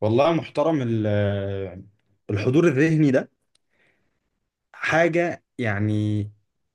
والله يا محترم الحضور الذهني ده حاجة يعني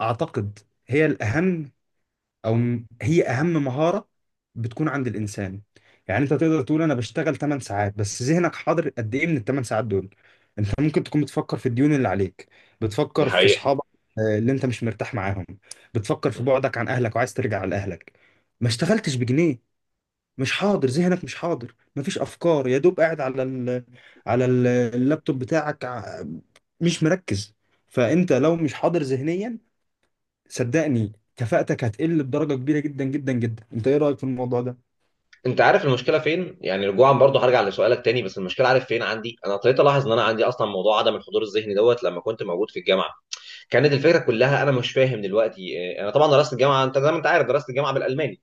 أعتقد هي الأهم أو هي أهم مهارة بتكون عند الإنسان. يعني أنت تقدر تقول أنا بشتغل 8 ساعات بس ذهنك حاضر قد إيه من ال 8 ساعات دول؟ أنت ممكن تكون بتفكر في الديون اللي عليك، دي بتفكر في حقيقة. أصحابك، آه، اللي أنت مش مرتاح معاهم، بتفكر م. في بعدك عن أهلك وعايز ترجع لأهلك. ما اشتغلتش بجنيه، مش حاضر، ذهنك مش حاضر، مفيش افكار، يا دوب قاعد على اللابتوب بتاعك، مش مركز. فانت لو مش حاضر ذهنيا، صدقني كفاءتك هتقل بدرجة كبيرة جدا جدا جدا. انت ايه رأيك في الموضوع ده؟ انت عارف المشكله فين، يعني رجوعا برضو هرجع لسؤالك تاني، بس المشكله عارف فين، عندي انا ابتديت الاحظ ان انا عندي اصلا موضوع عدم الحضور الذهني دوت لما كنت موجود في الجامعه. كانت الفكره كلها انا مش فاهم دلوقتي، انا طبعا درست الجامعه، انت زي ما انت عارف درست الجامعه بالالماني.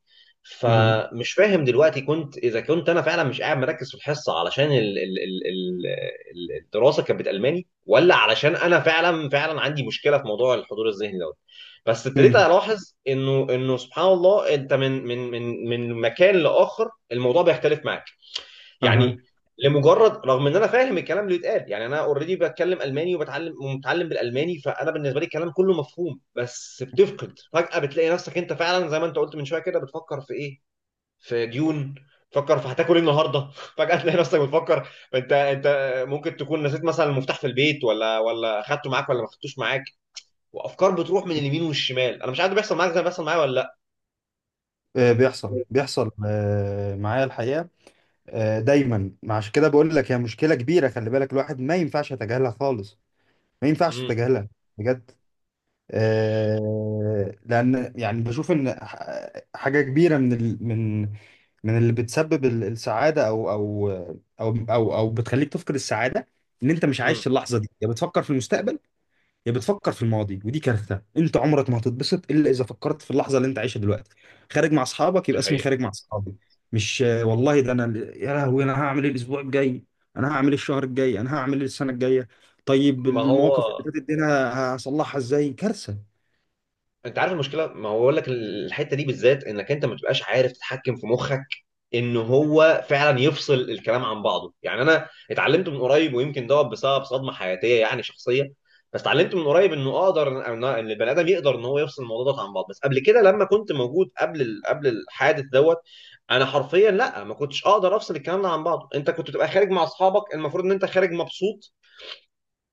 مهم. فمش فاهم دلوقتي كنت، اذا كنت انا فعلا مش قاعد مركز في الحصه علشان الدراسه كانت بالالماني، ولا علشان انا فعلا فعلا عندي مشكله في موضوع الحضور الذهني دوت. بس ابتديت مم. الاحظ انه سبحان الله انت من مكان لاخر الموضوع بيختلف معاك، أها. يعني. لمجرد، رغم ان انا فاهم الكلام اللي بيتقال، يعني انا اوريدي بتكلم الماني وبتعلم ومتعلم بالالماني، فانا بالنسبه لي الكلام كله مفهوم، بس بتفقد فجاه، بتلاقي نفسك انت فعلا زي ما انت قلت من شويه كده بتفكر في ايه، في ديون، تفكر في هتاكل ايه النهارده فجاه تلاقي نفسك بتفكر، انت ممكن تكون نسيت مثلا المفتاح في البيت، ولا اخدته معاك ولا ما اخدتوش معاك. وافكار بتروح من اليمين والشمال. انا مش عارف بيحصل معاك زي ما بيحصل معايا ولا لا. آه، بيحصل بيحصل، معايا الحقيقة. آه، دايما عشان كده بقول لك هي مشكلة كبيرة، خلي بالك، الواحد ما ينفعش يتجاهلها خالص، ما ينفعش امم، تتجاهلها، بجد. آه، لان يعني بشوف ان حاجه كبيره من اللي بتسبب السعاده، او او بتخليك تفقد السعاده، ان انت مش امم. عايش اللحظه دي، يا بتفكر في المستقبل يا بتفكر في الماضي، ودي كارثه. انت عمرك ما هتتبسط الا اذا فكرت في اللحظه اللي انت عايشها دلوقتي. خارج مع اصحابك دي يبقى اسمي حقيقة. خارج مع اصحابي، مش والله ده انا يا لهوي انا هعمل ايه الاسبوع الجاي، انا هعمل ايه الشهر الجاي، انا هعمل ايه السنه الجايه، طيب ما المواقف هو اللي فاتت دي انا هصلحها ازاي؟ كارثه. انت عارف المشكله، ما هو بقول لك الحته دي بالذات انك انت ما بتبقاش عارف تتحكم في مخك، ان هو فعلا يفصل الكلام عن بعضه. يعني انا اتعلمت من قريب، ويمكن دوت بسبب صدمه حياتيه يعني شخصيه، بس اتعلمت من قريب انه اقدر ان البني ادم يقدر ان هو يفصل الموضوع ده عن بعض. بس قبل كده لما كنت موجود قبل قبل الحادث دوت، انا حرفيا لا، ما كنتش اقدر افصل الكلام ده عن بعضه. انت كنت تبقى خارج مع اصحابك، المفروض ان انت خارج مبسوط،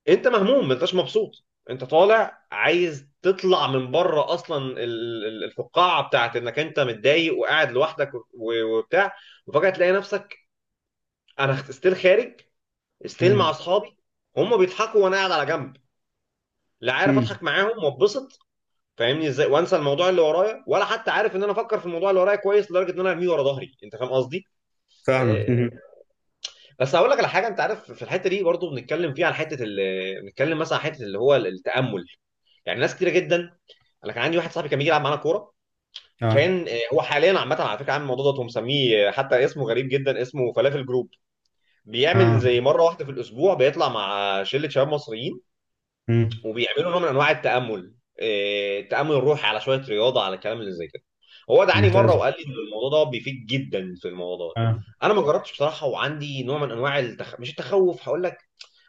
انت مهموم، ما انتش مبسوط. انت طالع عايز تطلع من بره اصلا الفقاعه بتاعت انك انت متضايق وقاعد لوحدك وبتاع، وفجاه تلاقي نفسك انا ستيل خارج، ستيل مم. مع اصحابي، هم بيضحكوا وانا قاعد على جنب، لا عارف مم. اضحك معاهم واتبسط. فاهمني ازاي؟ وانسى الموضوع اللي ورايا، ولا حتى عارف ان انا افكر في الموضوع اللي ورايا كويس لدرجه ان انا ارميه ورا ظهري. انت فاهم قصدي؟ فاهمك. آه، مم. بس هقول لك على حاجه، انت عارف في الحته دي برضو بنتكلم فيها على حته بنتكلم مثلا على حته اللي هو التامل. يعني ناس كتيره جدا، انا كان عندي واحد صاحبي كان بيجي يلعب معانا كوره، اه. كان هو حاليا عامه على فكره عامل الموضوع ده ومسميه، حتى اسمه غريب جدا، اسمه فلافل جروب. بيعمل اه. زي مره واحده في الاسبوع، بيطلع مع شله شباب مصريين مم. وبيعملوا نوع من انواع التامل، التامل الروحي على شويه رياضه على الكلام اللي زي كده. هو دعاني مره ممتازة. وقال لي ان الموضوع ده بيفيد جدا في الموضوع ده. اه. انا ما جربتش بصراحه، وعندي نوع من انواع مش التخوف هقول لك،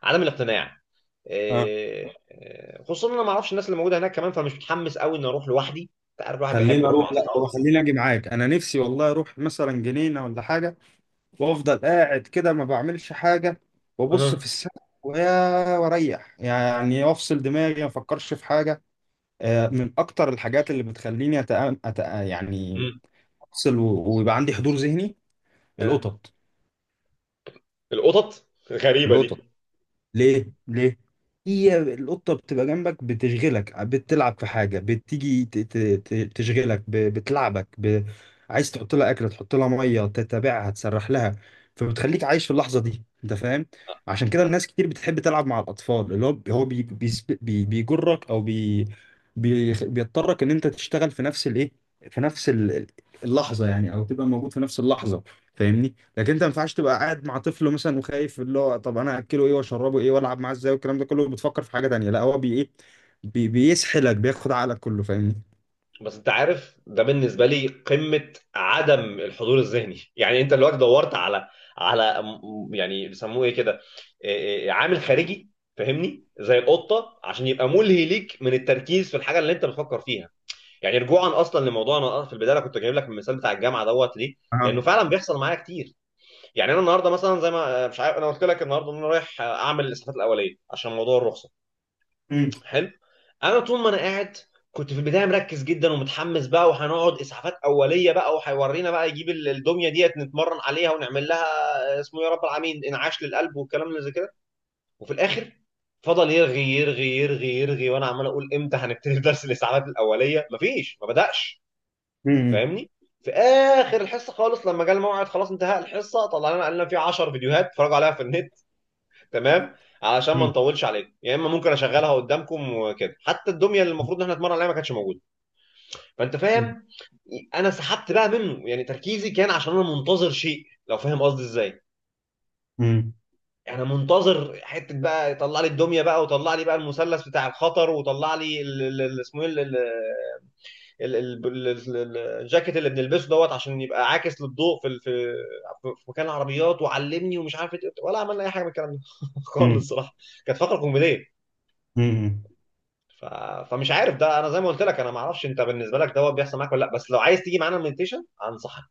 عدم الاقتناع. اه. خصوصا انا ما اعرفش الناس اللي موجوده هناك كمان، فمش متحمس قوي اني اروح لوحدي. انت عارف الواحد بيحب خليني يروح اروح، مع لا اصحابه. هو خليني اجي معاك. انا نفسي والله اروح مثلا جنينة ولا حاجة، وافضل قاعد كده ما بعملش حاجة، وابص في أها. السقف، ويا واريح يعني، وافصل دماغي، ما افكرش في حاجة. آه، من اكتر الحاجات اللي بتخليني يعني أمم. افصل، ويبقى عندي حضور ذهني، آه. القطط. القطط. غريبه دي. القطط. ليه ليه؟ هي القطه بتبقى جنبك، بتشغلك، بتلعب في حاجه، بتيجي تشغلك، بتلعبك، عايز تحط لها اكل، تحط لها ميه، تتابعها، تسرح لها، فبتخليك عايش في اللحظه دي. انت فاهم؟ آه، عشان كده الناس كتير بتحب تلعب مع الاطفال، اللي هو بيجرك، او بيضطرك ان انت تشتغل في نفس الايه، في نفس اللحظه يعني، او تبقى موجود في نفس اللحظه. فاهمني؟ لكن انت ما ينفعش تبقى قاعد مع طفل مثلا وخايف، اللي هو طب انا اكله ايه واشربه ايه والعب معاه ازاي، والكلام ده كله، بتفكر في حاجه تانيه، لا هو بي ايه بي بيسحلك، بياخد عقلك كله. فاهمني؟ بس انت عارف ده بالنسبه لي قمه عدم الحضور الذهني. يعني انت دلوقتي دورت على، على يعني بيسموه ايه كده، عامل خارجي. فاهمني؟ زي القطه عشان يبقى ملهي ليك من التركيز في الحاجه اللي انت بتفكر فيها. يعني رجوعا اصلا لموضوع، انا في البدايه أنا كنت جايب لك المثال بتاع الجامعه دوت. ليه؟ لانه اه. فعلا بيحصل معايا كتير. يعني انا النهارده مثلا زي ما، مش عارف، انا قلت لك النهارده ان انا رايح اعمل الاسعافات الاوليه عشان موضوع الرخصه. مم. حلو. انا طول ما انا قاعد، كنت في البدايه مركز جدا ومتحمس بقى، وهنقعد اسعافات اوليه بقى وهيورينا بقى، يجيب الدميه ديت نتمرن عليها ونعمل لها اسمه يا رب العالمين انعاش للقلب والكلام اللي زي كده. وفي الاخر فضل يرغي يرغي يرغي يرغي، وانا عمال اقول امتى هنبتدي درس الاسعافات الاوليه، مفيش، ما بداش. مم. فاهمني؟ في اخر الحصه خالص، لما جه الموعد خلاص انتهى الحصه طلعنا قال لنا في 10 فيديوهات اتفرجوا عليها في النت، تمام، علشان ما مم. نطولش عليكم، يا اما ممكن اشغلها قدامكم وكده. حتى الدميه اللي المفروض ان احنا نتمرن عليها ما كانتش موجوده. فانت فاهم، انا سحبت بقى منه، يعني تركيزي كان عشان انا منتظر شيء. لو فاهم قصدي ازاي؟ مم. انا منتظر حته بقى يطلع لي الدميه بقى، وطلع لي بقى المثلث بتاع الخطر، وطلع لي اسمه ايه ال- ال- ال- الجاكيت اللي بنلبسه دوت عشان يبقى عاكس للضوء في في في مكان العربيات. وعلمني ومش عارف ولا عملنا اي حاجه من الكلام ده خالص مم. الصراحه. كانت فقره كوميديه. مم. ف... فمش عارف ده، انا زي ما قلت لك، انا ما اعرفش انت بالنسبه لك دوت بيحصل معاك ولا لا. بس لو عايز تيجي معانا المديتيشن انصحك،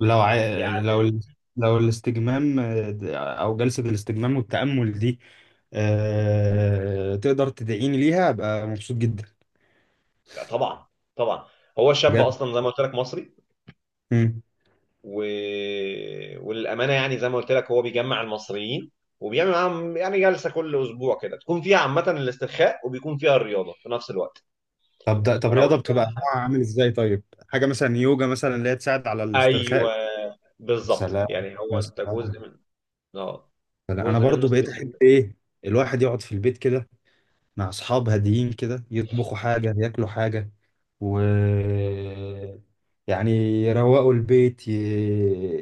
لو ع... لو يعني. ال... لو الاستجمام، او جلسة الاستجمام والتأمل دي، تقدر تدعيني ليها ابقى مبسوط جدا، طبعا، طبعا. هو الشاب بجد. اصلا زي ما قلت لك مصري، مم. و... وللامانه، يعني زي ما قلت لك هو بيجمع المصريين وبيعمل معاهم يعني جلسه كل اسبوع كده، تكون فيها عامه الاسترخاء وبيكون فيها الرياضه في نفس الوقت. طب ده، فلو رياضة انت بتبقى نوعها حابب. عامل ازاي طيب؟ حاجة مثلا يوجا مثلا، اللي هي تساعد على الاسترخاء. ايوه. بالظبط. سلام. يعني هو يا انت جزء سلام. من، اه، سلام. انا جزء من برضو مستر بقيت احب سيفن. ايه، الواحد يقعد في البيت كده، مع اصحاب هاديين كده، يطبخوا حاجه، ياكلوا حاجه، و يعني يروقوا البيت،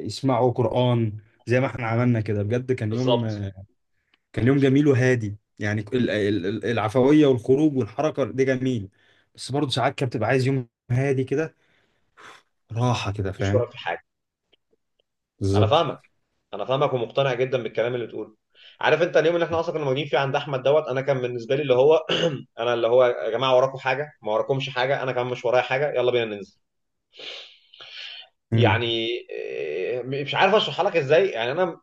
يسمعوا قران، زي ما احنا عملنا كده، بجد بالظبط. كان يوم جميل وهادي. يعني العفويه والخروج والحركه ده جميل، بس برضو ساعات كده بتبقى عايز يوم هادي كده، راحه كده. مفيش فاهم؟ وراك في حاجه. انا بالظبط. فاهمك، انا فاهمك ومقتنع جدا بالكلام اللي بتقوله. عارف انت اليوم اللي احنا اصلا كنا موجودين فيه عند احمد دوت، انا كان بالنسبه لي اللي هو انا اللي هو يا جماعه وراكم حاجه؟ ما وراكمش حاجه، انا كمان مش ورايا حاجه، يلا بينا ننزل، يعني. مم. مش عارف اشرحها لك ازاي، يعني انا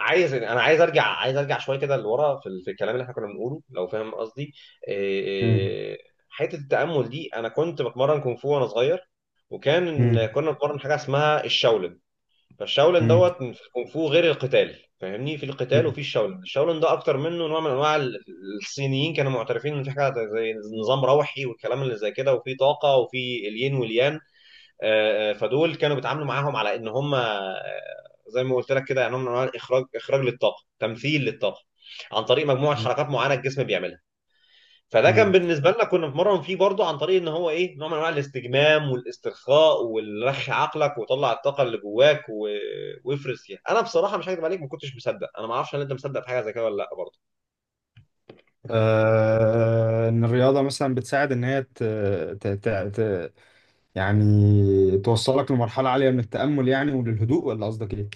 عايز، انا عايز ارجع شويه كده لورا في، في الكلام اللي احنا كنا بنقوله. لو فاهم قصدي؟ إيه، مم. إيه، حته التامل دي، انا كنت بتمرن كونغ فو وانا صغير، مم. كنا بنتمرن حاجه اسمها الشاولن. فالشاولن دوت في الكونغ فو غير القتال فاهمني؟ في القتال، مم. وفي الشاولن، الشاولن ده اكتر منه نوع من انواع الصينيين كانوا معترفين ان في حاجه زي نظام روحي والكلام اللي زي كده، وفي طاقه، وفي الين واليان. فدول كانوا بيتعاملوا معاهم على ان هم، زي ما قلت لك كده، يعني هم نوع من أنواع الاخراج، اخراج للطاقه، تمثيل للطاقه عن طريق مجموعه حركات معينه الجسم بيعملها. فده كان مم. بالنسبه لنا كنا بنتمرن فيه برضه عن طريق ان هو ايه، نوع من انواع الاستجمام والاسترخاء والرخي عقلك وطلع الطاقه اللي جواك وافرز فيها. انا بصراحه مش هكذب عليك، ما كنتش مصدق. انا ما اعرفش هل انت مصدق في حاجه زي كده ولا لا برضه. آه، ان الرياضه مثلا بتساعد ان هي ت... ت... ت... يعني توصلك لمرحله عاليه من التامل يعني، وللهدوء، ولا قصدك ايه؟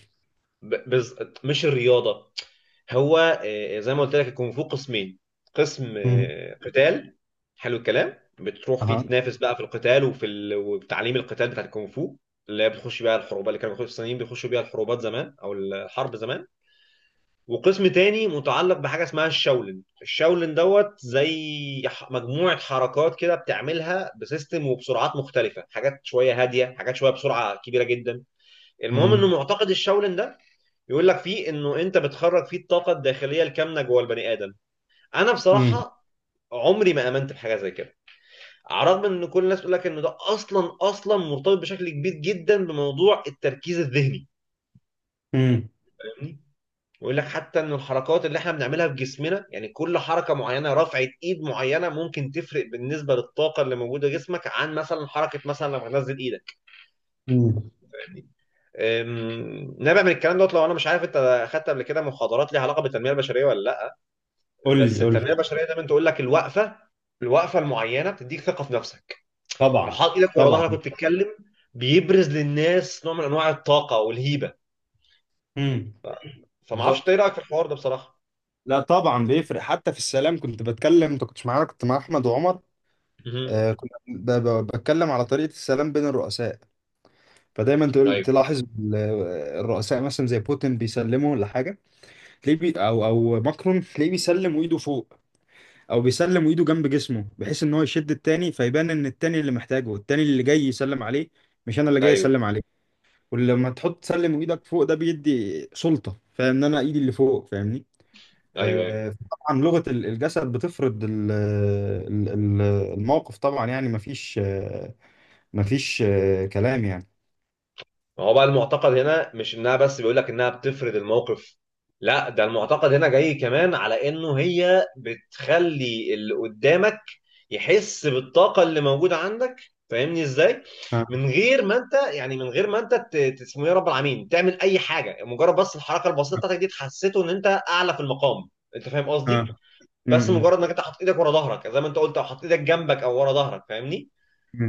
ب- بز... مش الرياضه. هو، زي ما قلت لك الكونغ فو قسمين. قسم مم. قتال. حلو الكلام، بتروح فيه اها. تتنافس بقى في القتال وفي وتعليم القتال بتاع الكونغ فو اللي هي بتخش بيها الحروبات، اللي كانوا الصينيين بيخشوا بيها الحروبات زمان او الحرب زمان. وقسم تاني متعلق بحاجه اسمها الشاولن. الشاولن دوت زي مجموعه حركات كده بتعملها بسيستم وبسرعات مختلفه، حاجات شويه هاديه، حاجات شويه بسرعه كبيره جدا. المهم انه امم. معتقد الشاولن ده يقول لك فيه انه انت بتخرج فيه الطاقه الداخليه الكامنه جوه البني ادم. انا امم. بصراحه عمري ما امنت بحاجه زي كده، على الرغم ان كل الناس تقول لك ان ده اصلا اصلا مرتبط بشكل كبير جدا بموضوع التركيز الذهني. امم. فاهمني؟ ويقول لك حتى ان الحركات اللي احنا بنعملها في جسمنا، يعني كل حركه معينه، رفعه ايد معينه ممكن تفرق بالنسبه للطاقه اللي موجوده في جسمك، عن مثلا حركه مثلا لما تنزل ايدك. امم. نابع من الكلام دوت. لو انا، مش عارف انت اخدت قبل كده محاضرات ليها علاقه بالتنميه البشريه ولا لا، قول بس لي، قول التنميه لي. البشريه دايما تقول لك الوقفه، الوقفه المعينه بتديك ثقه في نفسك. لو طبعا، حاط ايدك ورا طبعا. ظهرك وبتتكلم بيبرز للناس نوع من انواع الطاقه والهيبه. امم. فما اعرفش إنت بالظبط. ايه رايك في الحوار ده بصراحه. لا طبعا بيفرق، حتى في السلام كنت بتكلم، انت كنتش معانا، كنت مع احمد وعمر، مهم. آه، كنت بتكلم على طريقه السلام بين الرؤساء، فدايما تقول ايوه، تلاحظ الرؤساء مثلا زي بوتين بيسلموا لحاجه، تلاقيه بي او او ماكرون تلاقيه بيسلم وايده فوق، او بيسلم وايده جنب جسمه، بحيث ان هو يشد التاني فيبان ان التاني اللي محتاجه، التاني اللي جاي يسلم عليه، مش انا اللي جاي ايوه، اسلم عليه. ولما تحط تسلم وايدك فوق، ده بيدي سلطة، فاهم ان انا ايدي اللي فوق، فاهمني؟ ايوه. آه طبعا، لغة الجسد بتفرض الموقف طبعا يعني، مفيش مفيش كلام يعني. ما هو بقى المعتقد هنا مش انها بس بيقول لك انها بتفرض الموقف، لا، ده المعتقد هنا جاي كمان على انه هي بتخلي اللي قدامك يحس بالطاقة اللي موجودة عندك. فاهمني ازاي؟ اه. من غير ما انت، يعني من غير ما انت اسمه ايه يا رب العالمين تعمل اي حاجة، مجرد بس الحركة البسيطة بتاعتك دي تحسسه ان انت اعلى في المقام. انت فاهم اه. قصدي؟ م- بس م- مجرد انك انت حاطط ايدك ورا ظهرك زي ما انت قلت، او حاطط ايدك جنبك او ورا ظهرك. فاهمني؟ م.